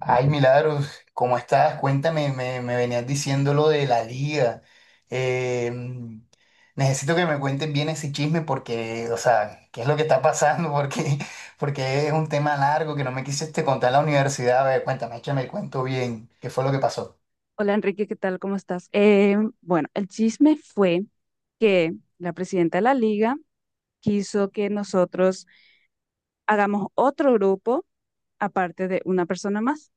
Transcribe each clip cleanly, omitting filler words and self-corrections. Ay, Milagros, ¿cómo estás? Cuéntame, me venías diciendo lo de la liga. Eh, mm, necesito que me cuentes bien ese chisme porque, o sea, ¿qué es lo que está pasando? Porque es un tema largo que no me quisiste contar en la universidad. A ver, cuéntame, échame el cuento bien. ¿Qué fue lo que pasó? Hola Enrique, ¿qué tal? ¿Cómo estás? Bueno, el chisme fue que la presidenta de la liga quiso que nosotros hagamos otro grupo aparte de una persona más,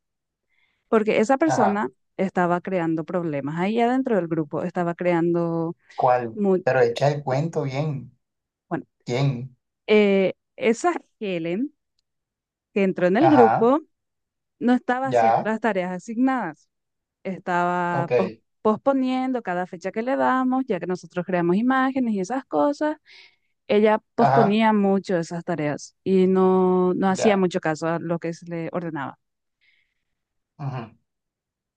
porque esa Ajá. persona estaba creando problemas ahí adentro del grupo, estaba creando ¿Cuál? mu- Pero echa el cuento bien. bueno, ¿Quién? Esa Helen que entró en el Ajá. grupo no estaba haciendo Ya. las tareas asignadas, estaba Ok. posponiendo cada fecha que le damos, ya que nosotros creamos imágenes y esas cosas, ella Ajá. posponía mucho esas tareas y no hacía Ya. mucho caso a lo que se le ordenaba. Ujú.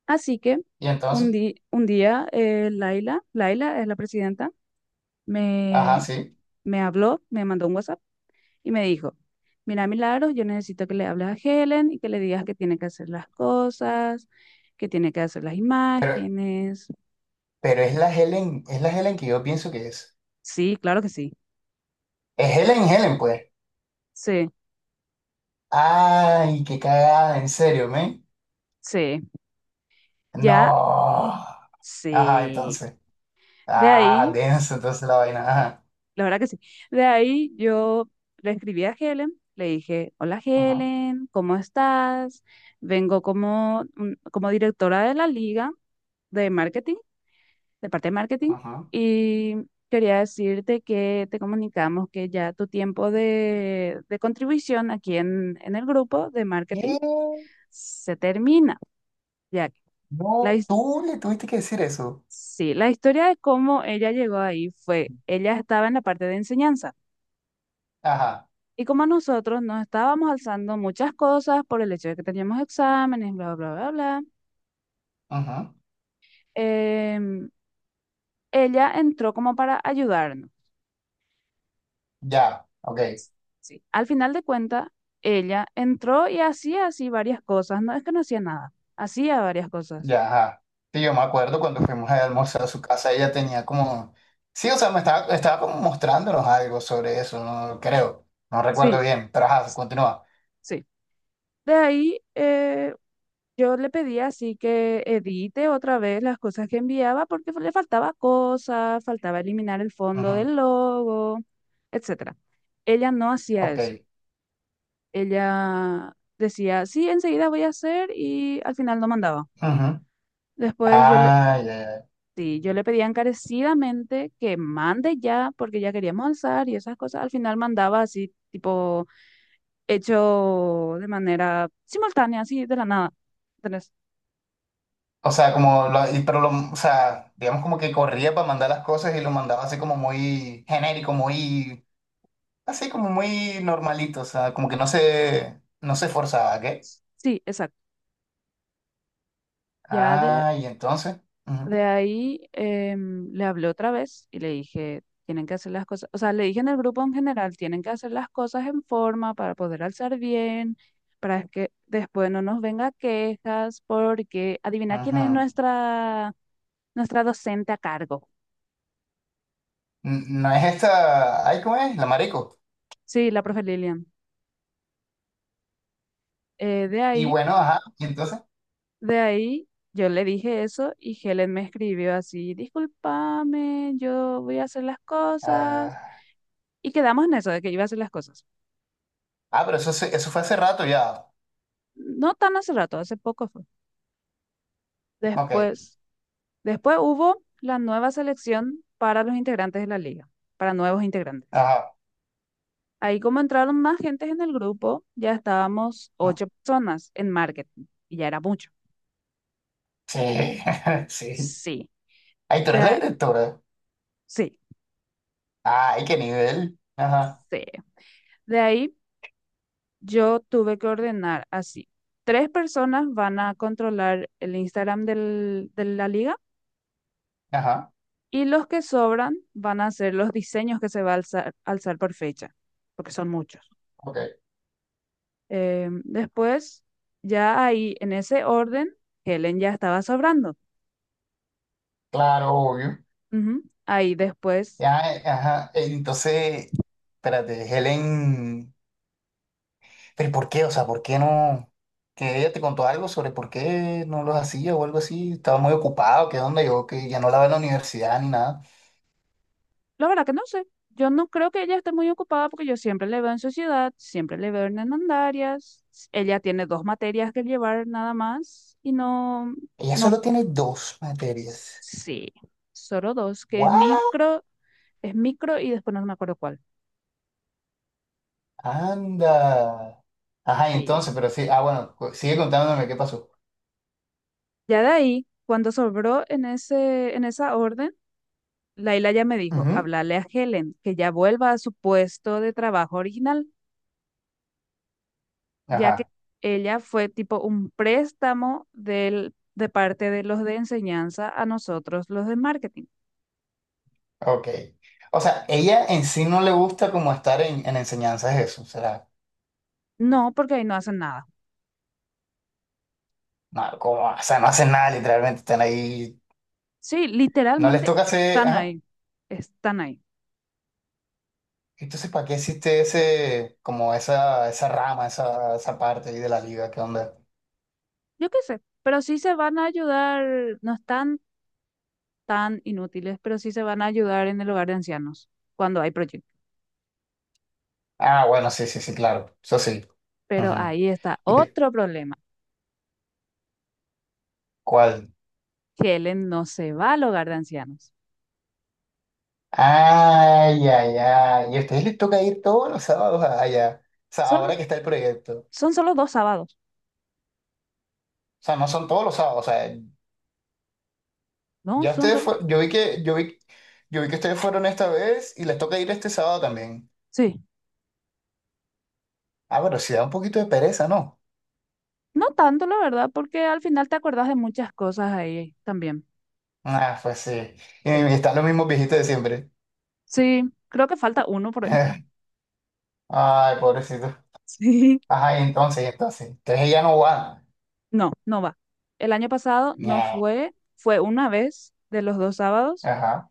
Así que Y entonces, un día Laila, Laila es la presidenta, ajá, me, sí. me habló, me mandó un WhatsApp y me dijo, mira, Milagros, yo necesito que le hables a Helen y que le digas que tiene que hacer las cosas, que tiene que hacer las Pero, imágenes. pero es la Helen que yo pienso que es. Sí, claro que sí. Es Helen Helen, pues. Sí, Ay, qué cagada, en serio, men. sí, ya No. Ajá, sí. entonces. De Ah, ahí, denso, entonces la vaina. Ajá. la verdad que sí. De ahí yo le escribí a Helen, le dije, hola Ajá, Helen, ¿cómo estás? Vengo como, mm, como directora de la liga de marketing, de parte de marketing. ajá. Y quería decirte que te comunicamos que ya tu tiempo de contribución aquí en el grupo de marketing ¿Qué? se termina, ya que la, No, his- tú le tuviste que decir eso. sí, la historia de cómo ella llegó ahí fue, ella estaba en la parte de enseñanza. Ajá, Y como nosotros nos estábamos alzando muchas cosas por el hecho de que teníamos exámenes, bla, bla, bla, bla, ajá. em, ella entró como para ayudarnos. Ya, ok, Sí. Al final de cuentas, ella entró y hacía así varias cosas. No es que no hacía nada, hacía varias cosas. ya, ajá. Sí, yo me acuerdo cuando fuimos a almorzar a su casa, ella tenía como. Sí, o sea, estaba como mostrándonos algo sobre eso, no creo. No recuerdo Sí, bien, pero ajá, s- continúa. sí. De ahí yo le pedí así que edite otra vez las cosas que enviaba porque le faltaba cosas, faltaba eliminar el fondo Ajá, del logo, etcétera. Ella no hacía ok. eso. Ella decía, sí, enseguida voy a hacer y al final no mandaba. Ajá. Después yo le, Ay, ay, ay. Sí, yo le pedía encarecidamente que mande ya, porque ya queríamos alzar y esas cosas. Al final mandaba así, tipo, hecho de manera simultánea, así de la nada. ¿Entendés? O sea, como, lo- y- pero lo, o sea, digamos como que corría para mandar las cosas y lo mandaba así como muy genérico, así como muy normalito, o sea, como que no se esforzaba, ¿qué? Sí, exacto. Ya de, Ah, y entonces, ujú, de ahí le hablé otra vez y le dije, tienen que hacer las cosas, o sea, le dije en el grupo en general, tienen que hacer las cosas en forma para poder alzar bien, para que después no nos venga quejas, porque adivina quién es ujú. nuestra, nuestra docente a cargo. N- No es esta, ay, ¿cómo es? La marico. Sí, la profe Lilian. Eh, de Y ahí, bueno, ajá, y entonces, de ahí, yo le dije eso y Helen me escribió así, discúlpame, yo voy a hacer las cosas. ah, Y quedamos en eso, de que iba a hacer las cosas. ah, pero eso, se- eso fue hace rato ya, No tan hace rato, hace poco fue. ok, Después, después hubo la nueva selección para los integrantes de la liga, para nuevos integrantes. ajá, Ahí como entraron más gentes en el grupo, ya estábamos mm, ocho personas en marketing y ya era mucho. sí, sí. Sí, Ay, tú eres la de- directora, sí, ay, qué nivel, ajá, sí. De ahí... Yo tuve que ordenar así. Tres personas van a controlar el Instagram de la liga ajá, y los que sobran van a hacer los diseños que se va a alzar, alzar por fecha, porque son muchos. ok, Después, ya ahí en ese orden, Helen ya estaba sobrando. claro, obvio. Ujú. Ahí después, Ya, ajá. Entonces, espérate, Helen, pero ¿por qué? O sea, ¿por qué no? Que ella te contó algo sobre por qué no los hacía o algo así. Estaba muy ocupado, que dónde yo, que ya no la veo en la universidad ni nada. la verdad que no sé. Yo no creo que ella esté muy ocupada porque yo siempre le veo en sociedad, siempre le veo en Hernandarias. Ella tiene dos materias que llevar nada más y no... Ella No, solo tiene dos materias. sí, solo dos, que ¡Guau! Es micro y después no me acuerdo cuál. Anda. Ajá, y Sí. entonces, pero sí, ah, bueno, cu- sigue contándome qué pasó. Ya de ahí, cuando sobró en esa orden, Laila ya me dijo, Ujú. hablarle a Helen que ya vuelva a su puesto de trabajo original, ya que Ajá, ella fue tipo un préstamo de parte de los de enseñanza a nosotros, los de marketing. ok. O sea, ella en sí no le gusta como estar en enseñanzas eso. O sea, No, porque ahí no hacen nada. no, como, o sea, no hacen nada, literalmente están ahí. Sí, No les literalmente toca hacer, están ajá. ahí, están ahí. Entonces, ¿para qué existe ese, como esa rama, esa parte ahí de la liga? ¿Qué onda? Yo qué sé, pero sí se van a ayudar, no están tan inútiles, pero sí se van a ayudar en el hogar de ancianos cuando hay proyectos. Ah, bueno, sí, sí, sí, claro. Eso sí. Pero Ujú. ahí está ¿Y otro problema, cuál? que Helen no se va al hogar de ancianos. Ay, ay, ay. ¿Y a ustedes les toca ir todos los sábados allá? O sea, Son, ahora que está el proyecto. O son solo dos sábados, sea, no son todos los sábados. O sea, ¿no? ya Son ustedes solo... fue, yo vi que ustedes fueron esta vez y les toca ir este sábado también. Sí, Ah, pero sí da un poquito de pereza, ¿no? no tanto, la verdad, porque al final te acordás de muchas cosas ahí también. Ah, pues sí. Y Sí. están los mismos viejitos de siempre. Sí, creo que falta uno por ahí. Ay, pobrecito. Sí. Ajá, y entonces, y entonces. Entonces ella no va. No, no va. El año pasado Ñe. no fue, fue una vez de los dos sábados. Ajá.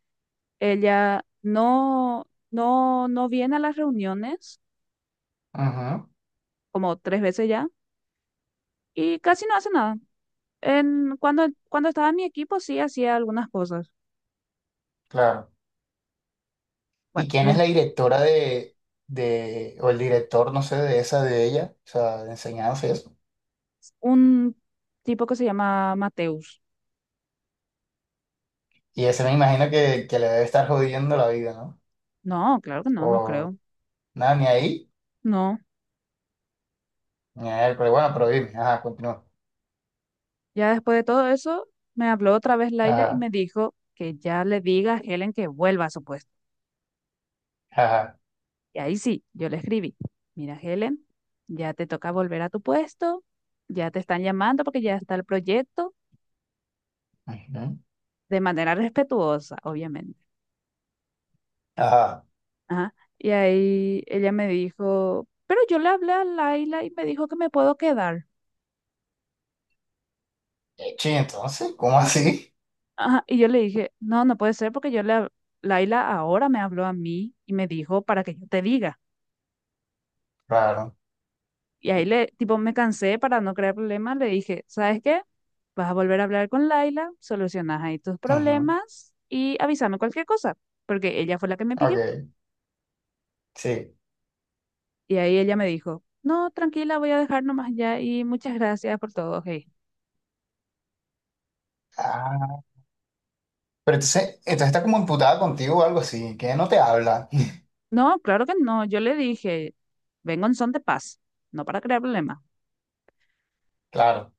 Ella no, no viene a las reuniones Ujú, como tres veces ya y casi no hace nada. Cuando estaba en mi equipo sí hacía algunas cosas. claro. ¿Y Bueno, y quién es después la directora de, o el director, no sé, de esa de ella? O sea, de enseñanza y eso. un tipo que se llama Mateus. Y ese me imagino que le debe estar jodiendo la vida, ¿no? No, claro que no, no O creo. nada, ni ahí, No. ni a él, pero bueno, pero dime, ajá, continúa. Ya después de todo eso, me habló otra vez Laila y Ajá, me dijo que ya le diga a Helen que vuelva a su puesto. ajá. Y ahí sí, yo le escribí, mira Helen, ya te toca volver a tu puesto, ya te están llamando porque ya está el proyecto, Ujú, de manera respetuosa, obviamente. Ajá. Ajá. Y ahí ella me dijo, pero yo le hablé a Laila y me dijo que me puedo quedar. Sí, entonces, ¿cómo así? Ajá. Y yo le dije, no, no puede ser porque Laila ahora me habló a mí y me dijo para que yo te diga. Claro. Y ahí le, tipo, me cansé para no crear problemas, le dije, ¿sabes qué? Vas a volver a hablar con Laila, solucionas ahí tus Ujú, problemas y avísame cualquier cosa, porque ella fue la que me pidió. Ok, sí. Y ahí ella me dijo, no, tranquila, voy a dejar nomás ya y muchas gracias por todo, hey. Ah, pero entonces, entonces está como imputada contigo o algo así, que no te habla, No, claro que no. Yo le dije, vengo en son de paz, no para crear problemas. claro.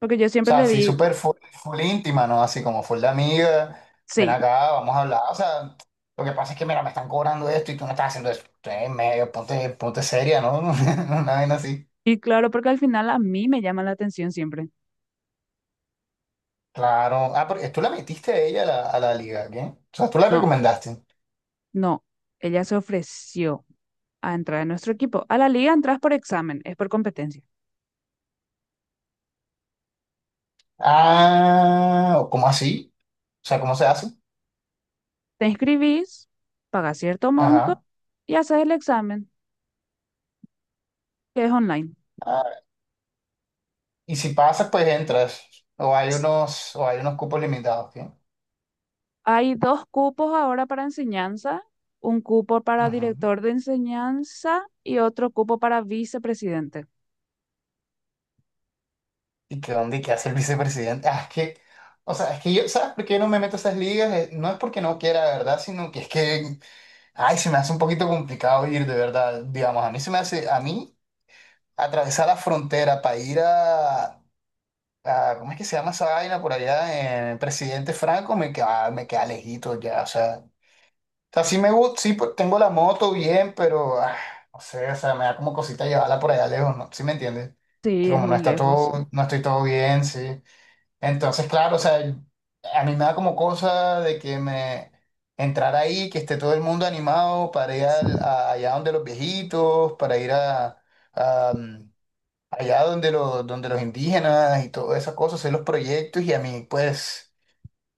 Porque yo O siempre sea, le así digo, súper full, full íntima, ¿no? Así como full de amiga, ven sí. acá, vamos a hablar. O sea, lo que pasa es que, mira, me están cobrando esto y tú no estás haciendo eso. Entonces, medio, ponte seria, ¿no? Una vaina así. Y claro, porque al final a mí me llama la atención siempre. Claro. Ah, porque tú la metiste a ella a la liga, ¿qué? O sea, tú la No, recomendaste. no. Ella se ofreció a entrar en nuestro equipo. A la liga entras por examen, es por competencia. Ah, ¿cómo así? O sea, ¿cómo se hace? Te inscribís, pagas cierto monto Ajá. y haces el examen, que es online. Ah, y si pasas, pues entras. O hay unos cupos limitados, ¿qué? Hay dos cupos ahora para enseñanza, un cupo para Ujú. director de enseñanza y otro cupo para vicepresidente. ¿Y que dónde y qué hace el vicepresidente? Ah, es que, o sea, es que yo, ¿sabes por qué no me meto a esas ligas? No es porque no quiera, de verdad, sino que es que, ay, se me hace un poquito complicado ir, de verdad. Digamos, a mí se me hace, a mí, atravesar la frontera para ir a- ¿cómo es que se llama esa vaina por allá? En Presidente Franco, me queda lejito ya, o sea. O sea, sí me gusta, sí, pues, tengo la moto bien, pero, ah, no sé, o sea, me da como cosita llevarla por allá lejos, ¿no? ¿Sí me entiendes? Que Sí, es como no muy está lejos. todo, no estoy todo bien, sí. Entonces, claro, o sea, a mí me da como cosa de que me entrar ahí, que esté todo el mundo animado para ir al- a- allá donde los viejitos, para ir a, a, mm, allá donde los indígenas y todas esas cosas, hacer los proyectos y a mí, pues,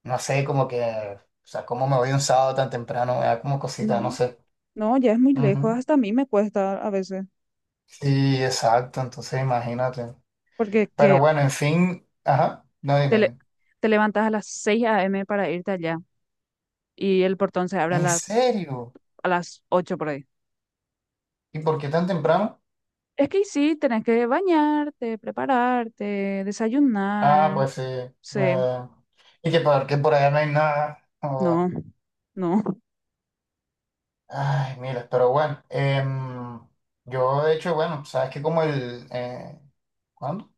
no sé, como que, o sea, cómo me voy un sábado tan temprano, me da como cosita, no No, sé. no, ya es muy lejos, Ujú. hasta a mí me cuesta a veces, Sí, exacto, entonces imagínate. porque Que Pero bueno, en fin, ajá, no te, dime. le- Dime. te levantas a las 6 a.m. para irte allá y el portón se abre ¿En serio? a las 8 por ahí. ¿Y por qué tan temprano? Es que sí, tenés que bañarte, prepararte, Ah, desayunar. pues sí. Sí, No. Y que porque por allá no hay nada. No. no, no, Ay, mira, pero bueno. Yo, de hecho, bueno, sabes que como el. ¿Cuándo?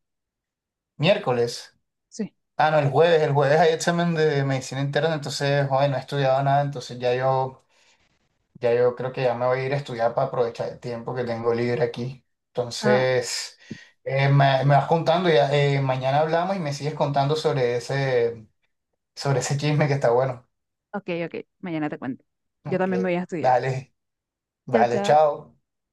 Miércoles. sí. Ah, no, el jueves. El jueves hay examen de medicina interna, entonces, hoy no he estudiado nada, entonces ya yo, ya yo creo que ya me voy a ir a estudiar para aprovechar el tiempo que tengo libre aquí. Ah, Entonces, me vas contando, ya, mañana hablamos y me sigues contando sobre ese chisme que está bueno. ok, ok, mañana te cuento. Yo Ok, también me voy a estudiar. dale, Chao, vale, chao. chao.